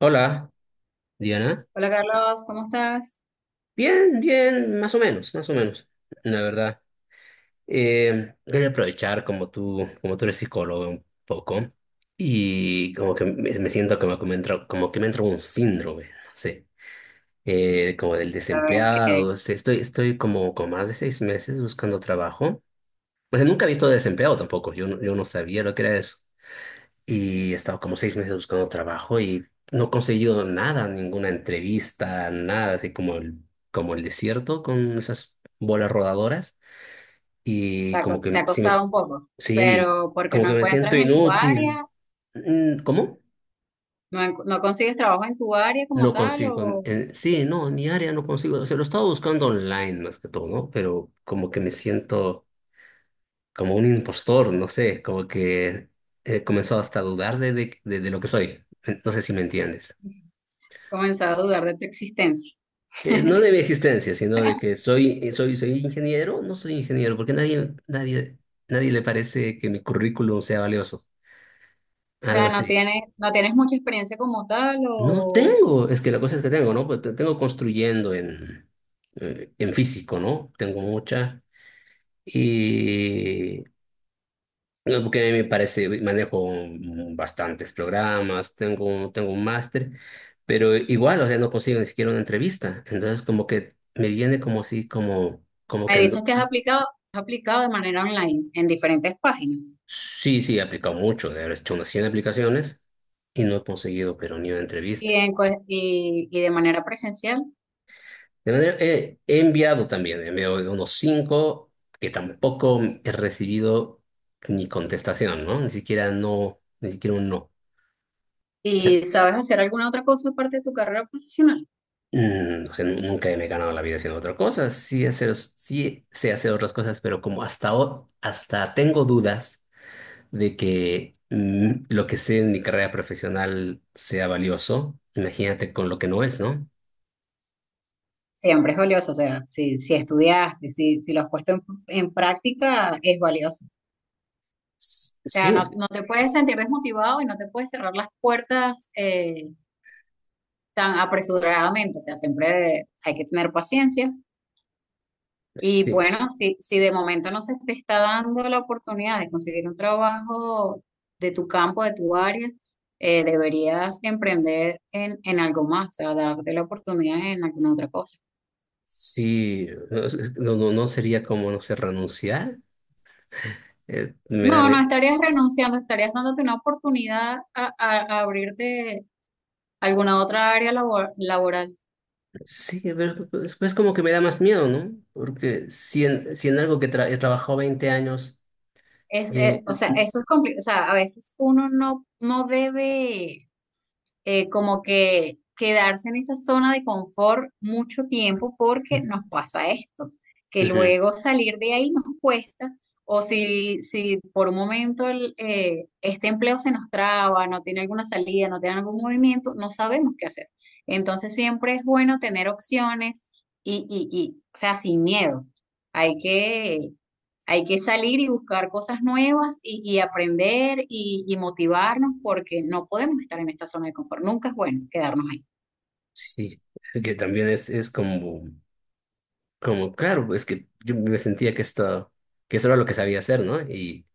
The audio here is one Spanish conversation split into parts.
Hola, Diana. Hola Carlos, ¿cómo estás? Bien, bien, más o menos, la verdad. Quería aprovechar como tú, eres psicólogo un poco y como que me siento como que me entra un síndrome, no sé, como del A ver, desempleado. que O sea, estoy como con más de 6 meses buscando trabajo. O sea, nunca he visto desempleado tampoco. Yo no sabía lo que era eso. Y he estado como 6 meses buscando trabajo y no he conseguido nada, ninguna entrevista, nada, así como el desierto con esas bolas rodadoras. Y como te que ha si me, costado un poco, sí, pero porque como no que me siento encuentras en tu inútil. área, Mm. ¿Cómo? No consigues trabajo en tu área como No tal consigo. o Sí, no, en mi área no consigo. O sea, lo estaba buscando online más que todo, ¿no? Pero como que me siento como un impostor, no sé, como que he comenzado hasta a dudar de lo que soy. No sé si me entiendes. comenzar a dudar de tu existencia. No de mi existencia, sino de que soy ingeniero, no soy ingeniero, porque nadie, nadie, nadie le parece que mi currículum sea valioso, O algo sea, así. No tienes mucha experiencia como tal No o tengo, es que la cosa es que tengo, ¿no? Pues tengo construyendo en físico, ¿no? Tengo mucha. Y no, porque a mí me parece, manejo bastantes programas, tengo un máster, pero igual, o sea, no consigo ni siquiera una entrevista. Entonces, como que me viene como así, como, como me que dices no. que has aplicado de manera online en diferentes páginas Sí, sí, he aplicado mucho, de haber hecho unas 100 aplicaciones y no he conseguido, pero ni una entrevista. Y de manera presencial. De manera, he enviado también, he enviado unos 5 que tampoco he recibido ni contestación, ¿no? Ni siquiera no, ni siquiera un no. ¿Y sabes hacer alguna otra cosa aparte de tu carrera profesional? Mm. O sea, nunca me he ganado la vida haciendo otra cosa. Sí, hacer, sí sé hacer otras cosas, pero como hasta, hasta tengo dudas de que lo que sé en mi carrera profesional sea valioso, imagínate con lo que no es, ¿no? Siempre es valioso, o sea, si estudiaste, si lo has puesto en práctica, es valioso. O sea, Sí, es que... no te puedes sentir desmotivado y no te puedes cerrar las puertas tan apresuradamente, o sea, siempre hay que tener paciencia. Y Sí, bueno, si de momento no se te está dando la oportunidad de conseguir un trabajo de tu campo, de tu área, deberías emprender en algo más, o sea, darte la oportunidad en alguna otra cosa. sí, no, no, no sería como, no sé, renunciar. Me da, No, no estarías renunciando, estarías dándote una oportunidad a abrirte alguna otra área laboral. sí, pero es como que me da más miedo, ¿no? Porque si en algo que he trabajado 20 años, eh, O sea, eso es complicado. O sea, a veces uno no debe. Eh, como que quedarse en esa zona de confort mucho tiempo porque nos pasa esto, que ujú, luego salir de ahí nos cuesta o si por un momento este empleo se nos traba, no tiene alguna salida, no tiene algún movimiento, no sabemos qué hacer. Entonces siempre es bueno tener opciones y o sea, sin miedo. Hay que Hay que salir y buscar cosas nuevas y aprender y motivarnos porque no podemos estar en esta zona de confort. Nunca es bueno quedarnos ahí. sí, es que también es como, claro, es que yo me sentía que esto, que eso era lo que sabía hacer, ¿no? Y,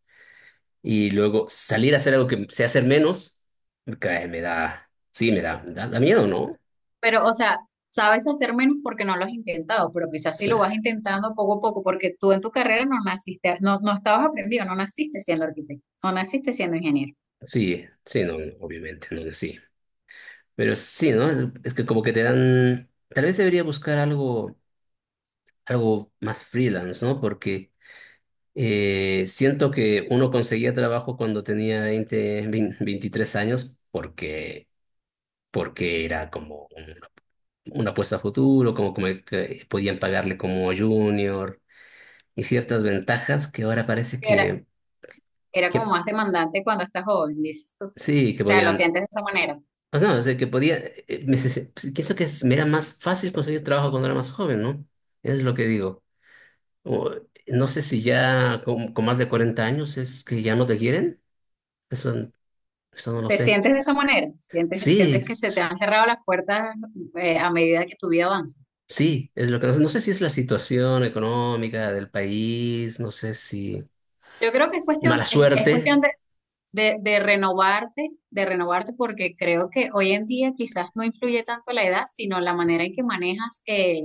y luego salir a hacer algo que sé hacer menos, me cae, me da, sí, me da miedo, ¿no? Pero, o sea, sabes hacer menos porque no lo has intentado, pero quizás sí lo vas intentando poco a poco, porque tú en tu carrera no naciste, no estabas aprendido, no naciste siendo arquitecto, no naciste siendo ingeniero. Sí, sí, no, obviamente, no, no, sí. Pero sí, ¿no? Es que como que te dan, tal vez debería buscar algo, algo más freelance, ¿no? Porque siento que uno conseguía trabajo cuando tenía 20, 20, 23 años porque, era como una apuesta a futuro, como, que podían pagarle como junior y ciertas ventajas que ahora parece Era, que, Era como que más demandante cuando estás joven, dices tú. O sí, que sea, lo podían. sientes de esa manera. O sea, que podía, pues, pienso que me era más fácil conseguir trabajo cuando era más joven, ¿no? Eso es lo que digo. O, no sé si ya con más de 40 años es que ya no te quieren. Eso, eso no lo ¿Te sé. sientes de esa manera? Sientes que Sí, se te sí, han cerrado las puertas a medida que tu vida avanza? sí, es lo que no sé. No sé si es la situación económica del país, no sé si Yo creo que mala es cuestión suerte. De de renovarte, porque creo que hoy en día quizás no influye tanto la edad, sino la manera en que manejas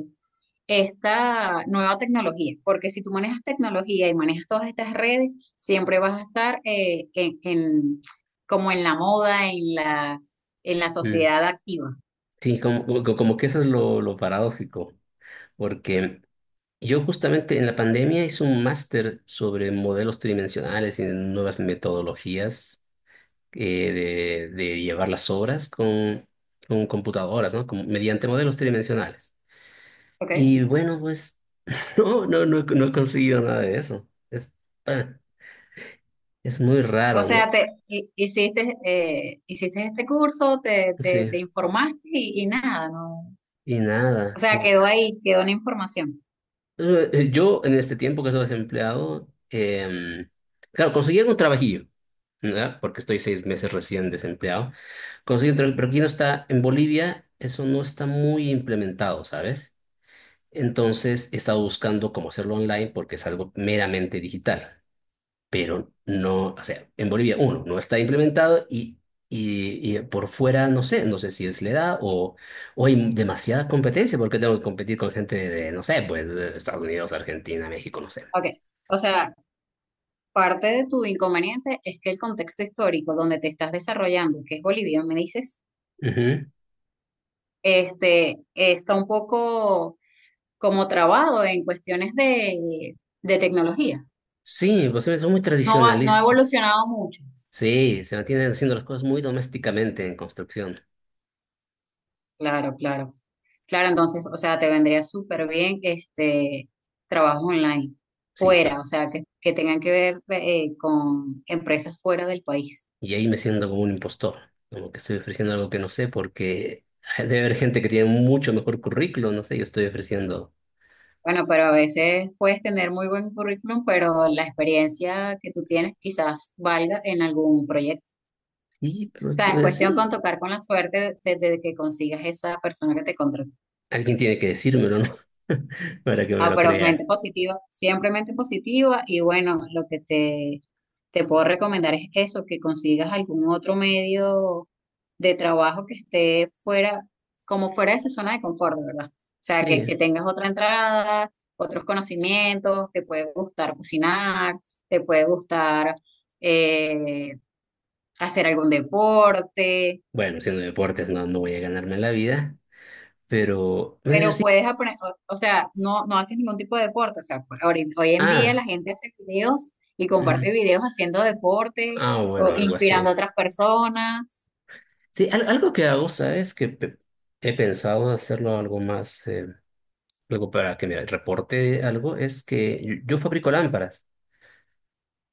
esta nueva tecnología, porque si tú manejas tecnología y manejas todas estas redes, siempre vas a estar como en la moda, en la Mm. sociedad activa. Sí, como que eso es lo paradójico, porque... Yo justamente en la pandemia hice un máster sobre modelos tridimensionales y nuevas metodologías de llevar las obras con computadoras, ¿no? Mediante modelos tridimensionales. ¿Ok? Y bueno, pues no, no, no, no he conseguido nada de eso. Es, ah, es muy O raro, sea, ¿no? Hiciste, hiciste este curso, Sí, te informaste y nada. No, y o nada. sea, quedó ahí, quedó una información. Yo en este tiempo que estoy desempleado, claro, conseguí algún trabajillo, ¿verdad? Porque estoy 6 meses recién desempleado. Conseguí un trabajo, pero aquí no está, en Bolivia eso no está muy implementado, ¿sabes? Entonces he estado buscando cómo hacerlo online porque es algo meramente digital, pero no, o sea, en Bolivia, uno, no está implementado y, y por fuera, no sé, no sé si es la edad o hay demasiada competencia, porque tengo que competir con gente de, no sé, pues de Estados Unidos, Argentina, México, no sé. Ok. O sea, parte de tu inconveniente es que el contexto histórico donde te estás desarrollando, que es Bolivia, me dices, Ujú. este, está un poco como trabado en cuestiones de tecnología. Sí, pues sí, son muy No va, no ha tradicionalistas. evolucionado mucho. Sí, se mantienen haciendo las cosas muy domésticamente en construcción. Claro, claro. Claro, entonces, o sea, te vendría súper bien este trabajo online, Sí, pero, fuera, o sea, que tengan que ver con empresas fuera del país. y ahí me siento como un impostor, como que estoy ofreciendo algo que no sé, porque debe haber gente que tiene mucho mejor currículo, no sé, yo estoy ofreciendo. Bueno, pero a veces puedes tener muy buen currículum, pero la experiencia que tú tienes quizás valga en algún proyecto. Sí, pero O sea, es puede cuestión con ser. tocar con la suerte desde que consigas esa persona que te contrató. Alguien tiene que decírmelo, ¿no? Para que me No, lo pero mente crea. positiva, siempre mente positiva y bueno, te puedo recomendar es eso, que consigas algún otro medio de trabajo que esté fuera, como fuera de esa zona de confort, de ¿verdad? O sea, Sí. que tengas otra entrada, otros conocimientos, te puede gustar cocinar, te puede gustar eh, hacer algún deporte. Bueno, siendo deportes no, voy a ganarme la vida, pero... pues, pero Pero sí. puedes aprender, o sea, no, no haces ningún tipo de deporte. O sea, pues, hoy en día Ah. la gente hace videos y comparte Ujú. videos haciendo deporte Ah, o bueno, algo así. inspirando a otras personas. Sí, algo que hago, ¿sabes? Que he pensado hacerlo algo más, algo para que me reporte algo, es que yo fabrico lámparas.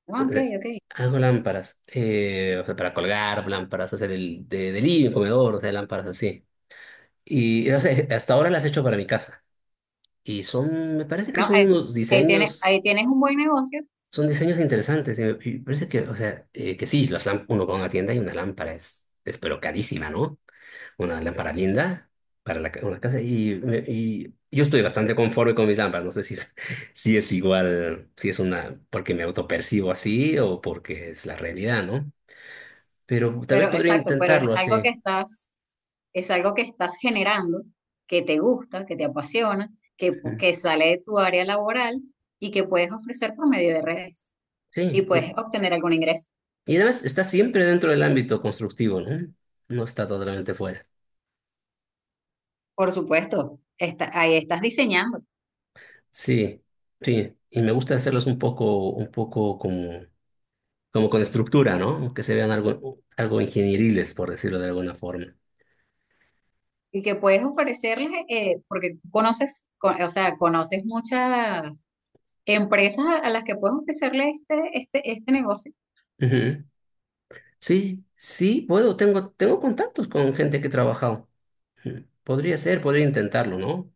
Ah, ok, Eh, ok. Hago lámparas, o sea, para colgar lámparas, o sea, del living, comedor, o sea, lámparas así. Y, o sea, hasta ahora las he hecho para mi casa. Y son, me parece que No, son unos ahí diseños, tienes un buen negocio, son diseños interesantes. Y me, y parece que, o sea, que sí, las lámparas, uno va a una tienda y una lámpara es pero carísima, ¿no? Una lámpara linda para una casa. Y yo estoy bastante conforme con mis lámparas. No sé si es, si es igual, si es una, porque me autopercibo así o porque es la realidad, ¿no? Pero tal vez pero podría exacto, pero intentarlo así. Es algo que estás generando, que te gusta, que te apasiona, que, Ujú. que sale de tu área laboral y que puedes ofrecer por medio de redes y Sí. Y, puedes obtener algún ingreso. y además está siempre dentro del ámbito constructivo, ¿no? No está totalmente fuera. Por supuesto, está, ahí estás diseñando Sí, sí, y me gusta hacerlos un poco como, como con estructura, ¿no? Que se vean algo, algo ingenieriles, por decirlo de alguna forma. y que puedes ofrecerles, porque tú conoces, o sea, conoces muchas empresas a las que puedes ofrecerle este negocio. Ujú. Sí, sí, puedo, tengo, contactos con gente que he trabajado. Ujú. Podría ser, podría intentarlo, ¿no?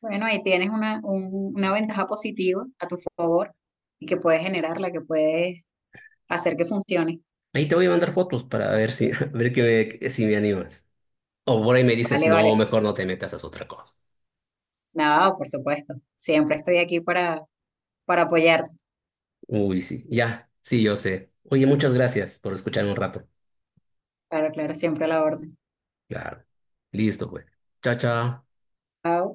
Bueno, ahí tienes una ventaja positiva a tu favor y que puedes generarla, que puedes hacer que funcione. Ahí te voy a mandar fotos para ver si, a ver que me, si me animas. O por ahí me dices, Vale, no, vale. mejor no te metas, haz otra cosa. Nada, por supuesto. Siempre estoy aquí para apoyarte. Uy, sí, ya, sí, yo sé. Oye, muchas gracias por escucharme un rato. Claro, claro, siempre a la orden. Claro. Listo, pues. Chao, chao. Chao.